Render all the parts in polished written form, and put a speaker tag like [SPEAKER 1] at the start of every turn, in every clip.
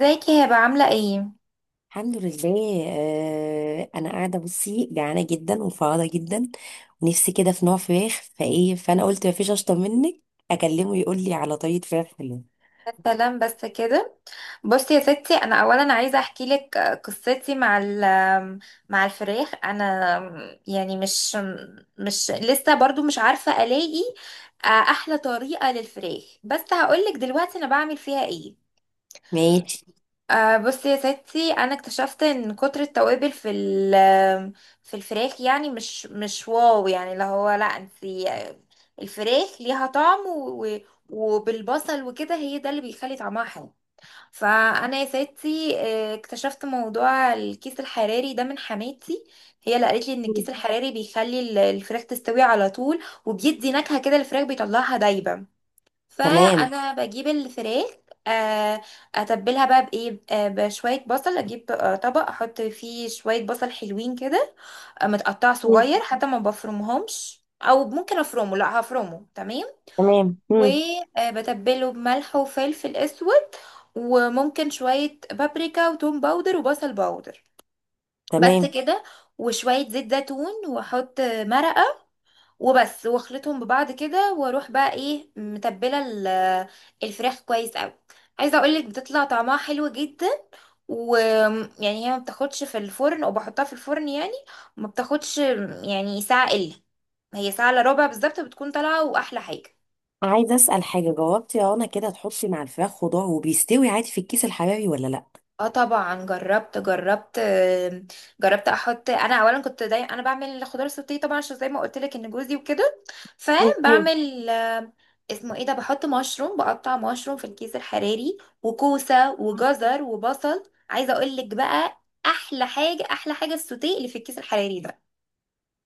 [SPEAKER 1] ازيك يا هبه، عامله ايه؟
[SPEAKER 2] الحمد لله. انا قاعده بصي جعانه جدا وفاضه جدا، ونفسي كده في نوع فراخ، فايه فانا قلت مفيش اشطر منك، اكلمه يقول لي على طريقه فراخ حلوه.
[SPEAKER 1] السلام بس كده. بصي يا ستي، انا اولا عايزه احكي لك قصتي مع مع الفراخ. انا يعني مش لسه برضو مش عارفه الاقي احلى طريقه للفراخ، بس هقول لك دلوقتي انا بعمل فيها ايه.
[SPEAKER 2] ماشي.
[SPEAKER 1] بصي يا ستي، انا اكتشفت ان كتر التوابل في الفراخ، يعني مش واو، يعني اللي هو، لا انتي، الفراخ ليها طعم وبالبصل وكده، هي ده اللي بيخلي طعمها حلو. فانا يا ستي، اكتشفت موضوع الكيس الحراري ده من حماتي. هي اللي قالت لي ان الكيس الحراري بيخلي الفراخ تستوي على طول، وبيدي نكهة كده، الفراخ بيطلعها دايبة.
[SPEAKER 2] تمام.
[SPEAKER 1] فانا بجيب الفراخ، آه، اتبلها بقى بايه، بشويه بصل. اجيب طبق احط فيه شويه بصل حلوين كده، متقطع
[SPEAKER 2] مم.
[SPEAKER 1] صغير، حتى ما بفرمهمش، او ممكن افرمه، لا هفرمه تمام.
[SPEAKER 2] تمام. مم.
[SPEAKER 1] وبتبله بملح وفلفل اسود، وممكن شويه بابريكا وتوم باودر وبصل باودر. بس
[SPEAKER 2] تمام.
[SPEAKER 1] كده، وشويه زيت زيتون، واحط مرقه وبس، واخلطهم ببعض كده، واروح بقى ايه، متبله الفراخ كويس قوي. عايزه اقولك بتطلع طعمها حلو جدا. ويعني هي ما بتاخدش في الفرن، او بحطها في الفرن يعني ما بتاخدش، يعني ساعه الا هي ساعه الا ربع بالظبط بتكون طالعه، واحلى حاجه.
[SPEAKER 2] عايزه اسال حاجه، جاوبتي يا رنا كده، تحطي مع الفراخ خضار وبيستوي عادي في الكيس الحراري ولا لا؟
[SPEAKER 1] اه طبعا، جربت، جربت احط، انا اولا كنت داي انا بعمل خضار سوتيه طبعا، عشان زي ما قلت لك ان جوزي وكده.
[SPEAKER 2] مم.
[SPEAKER 1] فبعمل، اسمه ايه ده، بحط مشروم، بقطع مشروم في الكيس الحراري، وكوسه وجزر وبصل. عايزه اقول لك بقى، احلى حاجه، احلى حاجه السوتيه اللي في الكيس الحراري ده.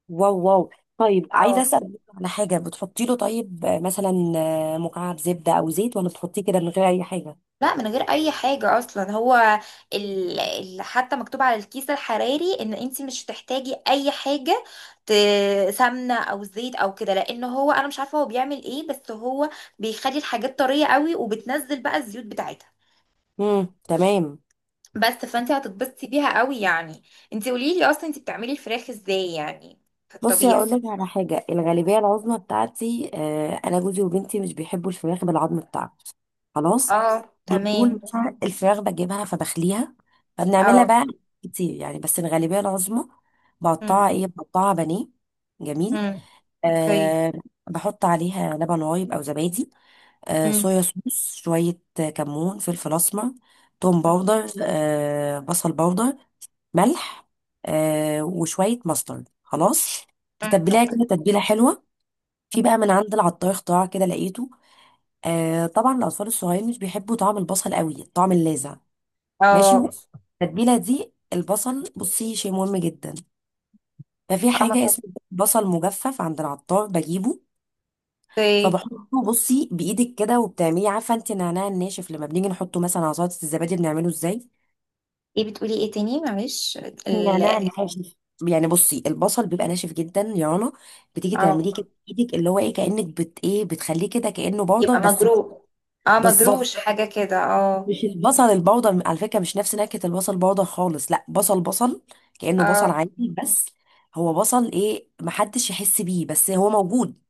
[SPEAKER 2] واو واو. طيب عايزه
[SPEAKER 1] اه،
[SPEAKER 2] اسال على حاجه، بتحطي له طيب مثلا مكعب زبده او زيت، ولا بتحطيه كده من غير اي حاجه؟
[SPEAKER 1] لا من غير اي حاجة اصلا، هو حتى مكتوب على الكيس الحراري ان انت مش هتحتاجي اي حاجة، ت... سمنة او زيت او كده، لان هو، انا مش عارفة هو بيعمل ايه، بس هو بيخلي الحاجات طرية قوي، وبتنزل بقى الزيوت بتاعتها.
[SPEAKER 2] تمام.
[SPEAKER 1] بس فانت هتتبسطي بيها قوي يعني. انت قولي لي اصلا، انت بتعملي الفراخ ازاي يعني، في
[SPEAKER 2] بصي
[SPEAKER 1] الطبيعي؟
[SPEAKER 2] هقول لك على حاجه، الغالبيه العظمى بتاعتي انا جوزي وبنتي مش بيحبوا الفراخ بالعظم بتاعها، خلاص.
[SPEAKER 1] اه
[SPEAKER 2] على طول
[SPEAKER 1] تمام،
[SPEAKER 2] مثلا الفراخ بجيبها فبخليها، فبنعملها
[SPEAKER 1] اه.
[SPEAKER 2] بقى كتير يعني، بس الغالبيه العظمى
[SPEAKER 1] مم،
[SPEAKER 2] بقطعها بانيه. جميل.
[SPEAKER 1] مم. اوكي،
[SPEAKER 2] أه. بحط عليها لبن رايب او زبادي،
[SPEAKER 1] مم.
[SPEAKER 2] صويا صوص، شوية كمون، فلفل أسمر، توم
[SPEAKER 1] اوكي،
[SPEAKER 2] باودر، بصل باودر، ملح، وشوية ماسترد، خلاص.
[SPEAKER 1] مم،
[SPEAKER 2] تتبليها
[SPEAKER 1] أوكي.
[SPEAKER 2] كده تتبيلة حلوة. في بقى من عند العطار اختراع كده لقيته، طبعا الأطفال الصغيرين مش بيحبوا طعم البصل قوي، الطعم اللاذع. ماشي.
[SPEAKER 1] اه،
[SPEAKER 2] التتبيلة دي البصل بصي شيء مهم جدا. ففي
[SPEAKER 1] اه، ما
[SPEAKER 2] حاجة
[SPEAKER 1] طب-
[SPEAKER 2] اسمها بصل مجفف عند العطار بجيبه.
[SPEAKER 1] اوكي.
[SPEAKER 2] فبحطه بصي بايدك كده، وبتعملي، عارفه انت النعناع الناشف لما بنيجي نحطه مثلا على سلطه الزبادي بنعمله ازاي؟
[SPEAKER 1] ايه بتقولي؟ ايه تاني، معلش؟ ال-
[SPEAKER 2] النعناع الناشف. يعني بصي، البصل بيبقى ناشف جدا يا رنا، بتيجي تعمليه
[SPEAKER 1] اه،
[SPEAKER 2] كده بايدك، اللي هو ايه، كانك بت ايه بتخليه كده، كانه بودر
[SPEAKER 1] يبقى
[SPEAKER 2] بس
[SPEAKER 1] مجروح، اه
[SPEAKER 2] بالظبط.
[SPEAKER 1] مجروش حاجة كده، اه،
[SPEAKER 2] مش البصل البودر على فكره، مش نفس نكهه البصل بودر خالص، لا، بصل بصل، كانه بصل
[SPEAKER 1] اه،
[SPEAKER 2] عادي بس. هو بصل ايه، محدش يحس بيه، بس هو موجود،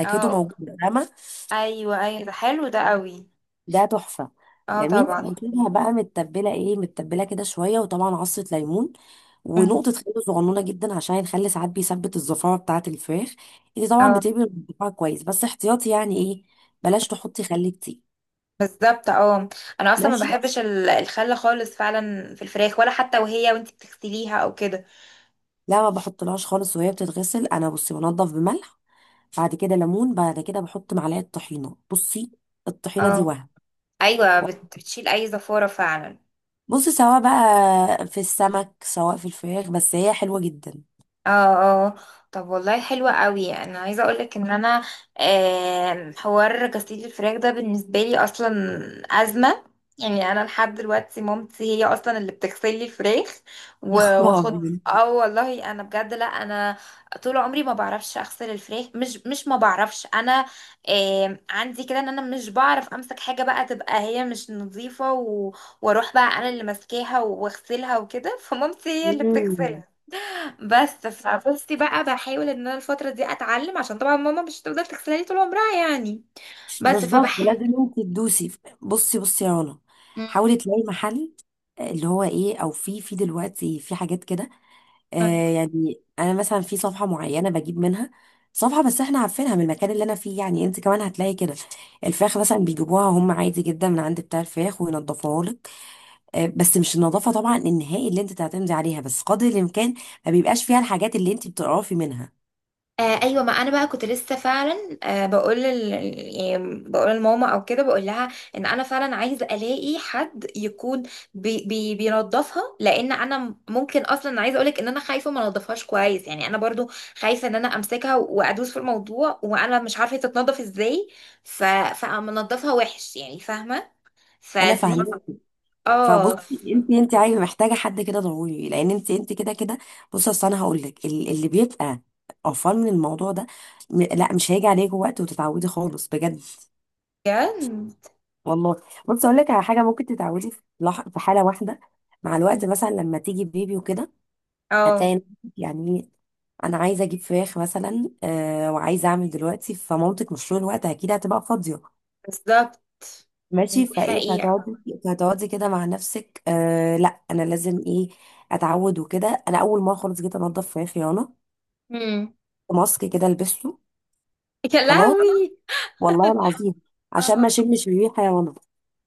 [SPEAKER 2] نكهته
[SPEAKER 1] اه،
[SPEAKER 2] موجوده، فاهمه؟
[SPEAKER 1] ايوه، ايوه، ده حلو، ده قوي.
[SPEAKER 2] ده تحفة.
[SPEAKER 1] اه
[SPEAKER 2] جميل.
[SPEAKER 1] طبعا،
[SPEAKER 2] بتجيبها بقى متبلة، متبلة كده شوية، وطبعا عصرة ليمون
[SPEAKER 1] مم.
[SPEAKER 2] ونقطة خل صغنونة جدا، عشان الخل ساعات بيثبت الزفارة بتاعة الفراخ. انت طبعا
[SPEAKER 1] اه
[SPEAKER 2] بتقلبي الزفارة كويس، بس احتياطي يعني، ايه بلاش تحطي خل كتير.
[SPEAKER 1] بالظبط، اه. انا اصلا ما
[SPEAKER 2] ماشي.
[SPEAKER 1] بحبش الخل خالص فعلا في الفراخ، ولا حتى وانت بتغسليها او كده.
[SPEAKER 2] لا ما بحطلهاش خالص وهي بتتغسل، انا بصي بنضف بملح، بعد كده ليمون، بعد كده بحط معلقة طحينة. بصي الطحينة دي
[SPEAKER 1] اه
[SPEAKER 2] وهم.
[SPEAKER 1] ايوه، بتشيل اي زفارة فعلا.
[SPEAKER 2] بصي سواء بقى في السمك سواء في الفراخ، بس هي حلوة جدا.
[SPEAKER 1] اه، اه، طب والله حلوة قوي، انا عايزة اقولك ان انا، حوار غسيل الفراخ ده بالنسبة لي اصلا ازمة. يعني انا لحد دلوقتي مامتي هي اصلا اللي بتغسل لي الفراخ،
[SPEAKER 2] يا خبر
[SPEAKER 1] واخد.
[SPEAKER 2] أبيض.
[SPEAKER 1] اه والله، انا بجد، لا انا طول عمري ما بعرفش اغسل الفراخ، مش ما بعرفش انا، عندي كده ان انا مش بعرف امسك حاجة بقى تبقى هي مش نظيفة، واروح بقى انا اللي ماسكاها واغسلها وكده فمامتي هي اللي
[SPEAKER 2] مم.
[SPEAKER 1] بتغسلها. بس فبصي بقى، بحاول ان انا الفتره دي اتعلم، عشان طبعا ماما مش هتفضل تغسلها لي طول عمرها يعني، بس
[SPEAKER 2] بالظبط لازم
[SPEAKER 1] فبحاول.
[SPEAKER 2] انت تدوسي. بصي بصي يا رنا،
[SPEAKER 1] مم.
[SPEAKER 2] حاولي تلاقي محل، اللي هو ايه، او في دلوقتي في حاجات كده. يعني انا مثلا في صفحه معينه بجيب منها، صفحه بس احنا عارفينها من المكان اللي انا فيه، يعني انت كمان هتلاقي كده. الفراخ مثلا بيجيبوها هم عادي جدا من عند بتاع الفراخ وينضفوها لك. بس مش النظافه طبعا النهائي اللي انت تعتمدي عليها، بس قدر الامكان ما بيبقاش فيها الحاجات اللي انت بتقرفي منها.
[SPEAKER 1] ايوه، ما انا بقى كنت لسه فعلا، بقول يعني بقول لماما او كده، بقول لها ان انا فعلا عايزه الاقي حد يكون، بينظفها، لان انا ممكن اصلا عايزه اقولك ان انا خايفه ما انضفهاش كويس يعني، انا برضو خايفه ان انا امسكها وادوس في الموضوع، وانا مش عارفه هي تتنضف ازاي، ف... فمنضفها وحش يعني، فاهمه؟
[SPEAKER 2] انا
[SPEAKER 1] فدي.
[SPEAKER 2] فاهمه.
[SPEAKER 1] اه
[SPEAKER 2] فبصي انت عايزه محتاجه حد كده ضروري، لان انت كده كده. بصي اصل انا هقول لك، اللي بيبقى قرفان من الموضوع ده، لا مش هيجي عليك وقت وتتعودي خالص بجد.
[SPEAKER 1] بجد.
[SPEAKER 2] والله. بصي اقول لك على حاجه، ممكن تتعودي في حاله واحده، مع الوقت مثلا لما تيجي بيبي وكده،
[SPEAKER 1] اه
[SPEAKER 2] هتلاقي نفسك. يعني انا عايزه اجيب فراخ مثلا وعايزه اعمل دلوقتي، فمامتك مش طول الوقت اكيد هتبقى فاضيه.
[SPEAKER 1] بالظبط، دي
[SPEAKER 2] ماشي فايه،
[SPEAKER 1] حقيقة.
[SPEAKER 2] فهتقعدي كده مع نفسك، آه لا انا لازم ايه، اتعود وكده. انا اول مره خالص جيت انضف، في خيانه
[SPEAKER 1] امم.
[SPEAKER 2] ماسك كده لبسته
[SPEAKER 1] يا
[SPEAKER 2] خلاص،
[SPEAKER 1] لهوي.
[SPEAKER 2] والله العظيم، عشان
[SPEAKER 1] اه،
[SPEAKER 2] ما اشمش بيه حيوانات.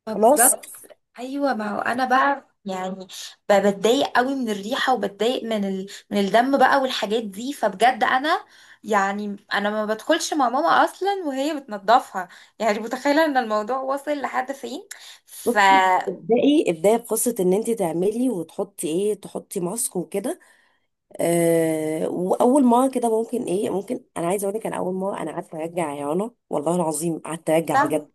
[SPEAKER 2] خلاص.
[SPEAKER 1] بالظبط. ايوه، ما هو انا بقى يعني، بتضايق قوي من الريحة، وبتضايق من الدم بقى والحاجات دي، فبجد انا يعني انا ما بدخلش مع ماما اصلا وهي بتنضفها. يعني متخيلة ان الموضوع وصل لحد فين. ف
[SPEAKER 2] بصي ابدأي ابدأي بقصة ان انت تعملي وتحطي ايه، تحطي ماسك وكده. واول مرة كده ممكن، ممكن انا عايزه اقول لك، انا اول مرة انا قعدت ارجع يا رنا والله العظيم، قعدت ارجع
[SPEAKER 1] لا،
[SPEAKER 2] بجد.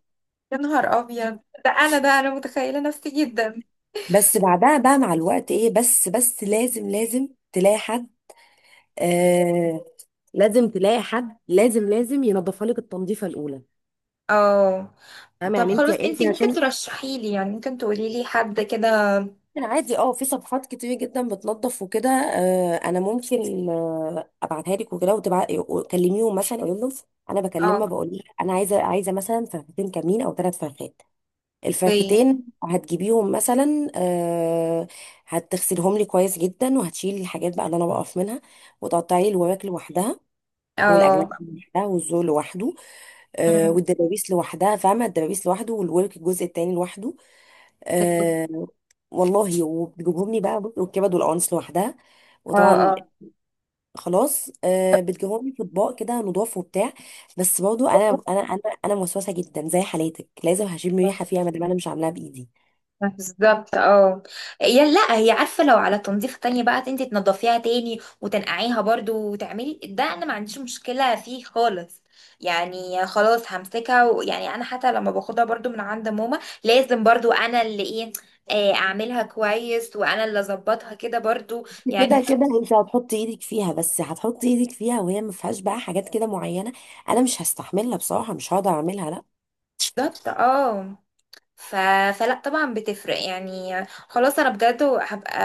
[SPEAKER 1] يا نهار ابيض، ده انا، ده انا متخيلة نفسي جدا.
[SPEAKER 2] بس بعدها بقى مع الوقت ايه، بس بس لازم لازم تلاقي حد. آه لازم تلاقي حد، لازم لازم ينظفها لك التنظيفه الاولى،
[SPEAKER 1] اه.
[SPEAKER 2] فاهمه
[SPEAKER 1] طب
[SPEAKER 2] يعني، انت
[SPEAKER 1] خلاص، انت ممكن
[SPEAKER 2] عشان.
[SPEAKER 1] ترشحي لي يعني، ممكن تقولي لي حد كده؟
[SPEAKER 2] عادي اه، في صفحات كتير جدا بتنظف وكده. انا ممكن ابعتها لك وكده، وتبعتي وتكلميهم، مثلا اقول لهم، انا بكلمها
[SPEAKER 1] اه،
[SPEAKER 2] بقول لها انا عايزه مثلا فرختين كاملين او ثلاث فرخات.
[SPEAKER 1] اوكي.
[SPEAKER 2] الفرختين هتجيبيهم مثلا، هتغسلهم لي كويس جدا، وهتشيلي الحاجات بقى اللي انا بقف منها، وتقطعي الوراك لوحدها،
[SPEAKER 1] اه،
[SPEAKER 2] والاجنبي لوحدها، والزول لوحده،
[SPEAKER 1] أمم،
[SPEAKER 2] والدبابيس لوحدها، فاهمة، الدبابيس لوحده، والورك الجزء التاني لوحده.
[SPEAKER 1] اوكي.
[SPEAKER 2] آه، والله وبتجيبهم لي بقى، بص، والكبد والقوانص لوحدها،
[SPEAKER 1] اه،
[SPEAKER 2] وطبعا
[SPEAKER 1] اه،
[SPEAKER 2] خلاص بتجيبهم لي في اطباق كده نضاف وبتاع. بس برضه انا موسوسه جدا زي حالاتك، لازم هشم ريحه فيها ما دام انا مش عاملاها بايدي.
[SPEAKER 1] بالظبط، اه. هي لا هي عارفه، لو على تنظيف تاني بقى انت تنضفيها تاني وتنقعيها برضو وتعملي ده، انا ما عنديش مشكله فيه خالص. يعني خلاص همسكها، ويعني انا حتى لما باخدها برضو من عند ماما لازم برضو انا اللي ايه، اعملها كويس، وانا اللي اظبطها كده برضو يعني.
[SPEAKER 2] كده كده انت هتحط ايدك فيها، بس هتحط ايدك فيها وهي ما فيهاش بقى حاجات كده معينه، انا مش هستحملها بصراحه، مش هقدر اعملها لا.
[SPEAKER 1] بالظبط، اه. ف... فلا طبعا بتفرق يعني، خلاص انا بجد هبقى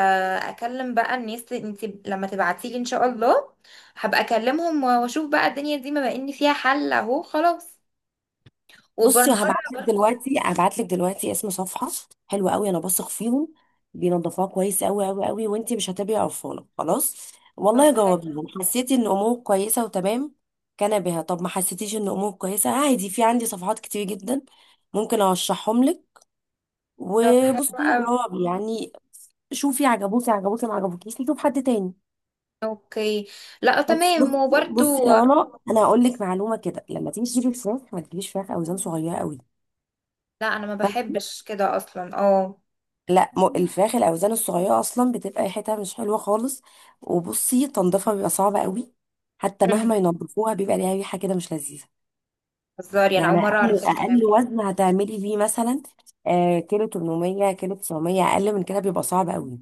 [SPEAKER 1] اكلم بقى الناس، انت لما تبعتيلي ان شاء الله هبقى اكلمهم، واشوف بقى الدنيا دي بما ان فيها حل اهو، خلاص
[SPEAKER 2] بصي
[SPEAKER 1] وبرمرة.
[SPEAKER 2] هبعتلك دلوقتي، هبعتلك دلوقتي اسم صفحة حلوة قوي انا بثق فيهم، بينظفوها كويس قوي قوي قوي، وانتي مش هتبقي قرفانة خلاص.
[SPEAKER 1] طب
[SPEAKER 2] والله
[SPEAKER 1] حلو.
[SPEAKER 2] جاوبيهم، حسيتي ان امورك كويسة وتمام كان بها، طب ما حسيتيش ان امورك كويسة، عادي، في عندي صفحات كتير جدا ممكن ارشحهم لك.
[SPEAKER 1] طب حلو
[SPEAKER 2] وبصي
[SPEAKER 1] قوي.
[SPEAKER 2] جاوبي يعني، شوفي عجبوكي عجبوكي، ما عجبوكيش نشوف حد تاني.
[SPEAKER 1] اوكي. لا
[SPEAKER 2] بس
[SPEAKER 1] تمام
[SPEAKER 2] بصي
[SPEAKER 1] وبرده.
[SPEAKER 2] بصي يا، انا هقول لك معلومة كده، لما تيجي تجيبي الفراخ، ما تجيبيش فراخ اوزان صغيرة قوي.
[SPEAKER 1] لا، انا ما بحبش كده اصلا، اه.
[SPEAKER 2] لا الفراخ الاوزان الصغيره اصلا بتبقى ريحتها مش حلوه خالص، وبصي تنظيفها بيبقى صعب قوي، حتى
[SPEAKER 1] مم.
[SPEAKER 2] مهما ينظفوها بيبقى ليها ريحه كده مش لذيذه.
[SPEAKER 1] هزاري انا
[SPEAKER 2] يعني
[SPEAKER 1] اول مره
[SPEAKER 2] اقل،
[SPEAKER 1] اعرف
[SPEAKER 2] ماشي،
[SPEAKER 1] الكلام.
[SPEAKER 2] اقل وزن هتعملي بيه مثلا كيلو 800، كيلو 900، اقل من كده بيبقى صعب قوي.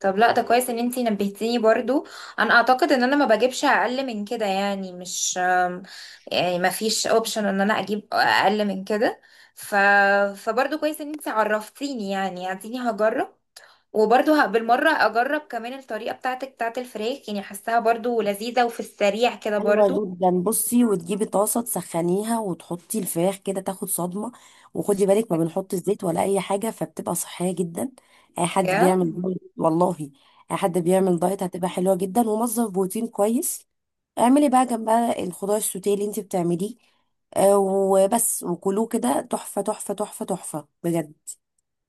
[SPEAKER 1] طب لا، ده كويس ان انتي نبهتيني برضو. انا اعتقد ان انا ما بجيبش اقل من كده يعني، مش، يعني ما فيش اوبشن ان انا اجيب اقل من كده، ف فبرضو كويس ان انتي عرفتيني يعني، اديني هجرب. وبرضو بالمرة اجرب كمان الطريقة بتاعتك بتاعت الفراخ، يعني حاساها برضو لذيذة، وفي السريع كده
[SPEAKER 2] حلوه
[SPEAKER 1] برضو.
[SPEAKER 2] جدا بصي، وتجيبي طاسه تسخنيها وتحطي الفراخ كده تاخد صدمه، وخدي بالك ما بنحط الزيت ولا اي حاجه، فبتبقى صحيه جدا. اي حد بيعمل
[SPEAKER 1] بجد.
[SPEAKER 2] دايت، والله اي حد
[SPEAKER 1] مم.
[SPEAKER 2] بيعمل دايت هتبقى حلوه جدا، ومصدر بروتين كويس. اعملي بقى جنبها الخضار السوتيه اللي انت بتعمليه، وبس، وكلوه كده، تحفة تحفة تحفة تحفة بجد.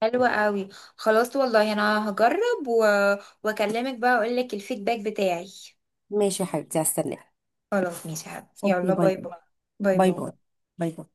[SPEAKER 1] حلوة قوي. خلاص والله انا هجرب واكلمك بقى، اقول لك الفيدباك بتاعي.
[SPEAKER 2] ماشي يا حبيبتي هستناك.
[SPEAKER 1] خلاص ماشي يا حبيبتي.
[SPEAKER 2] اوكي،
[SPEAKER 1] يلا
[SPEAKER 2] باي
[SPEAKER 1] باي باي. باي
[SPEAKER 2] باي، باي
[SPEAKER 1] باي.
[SPEAKER 2] باي باي.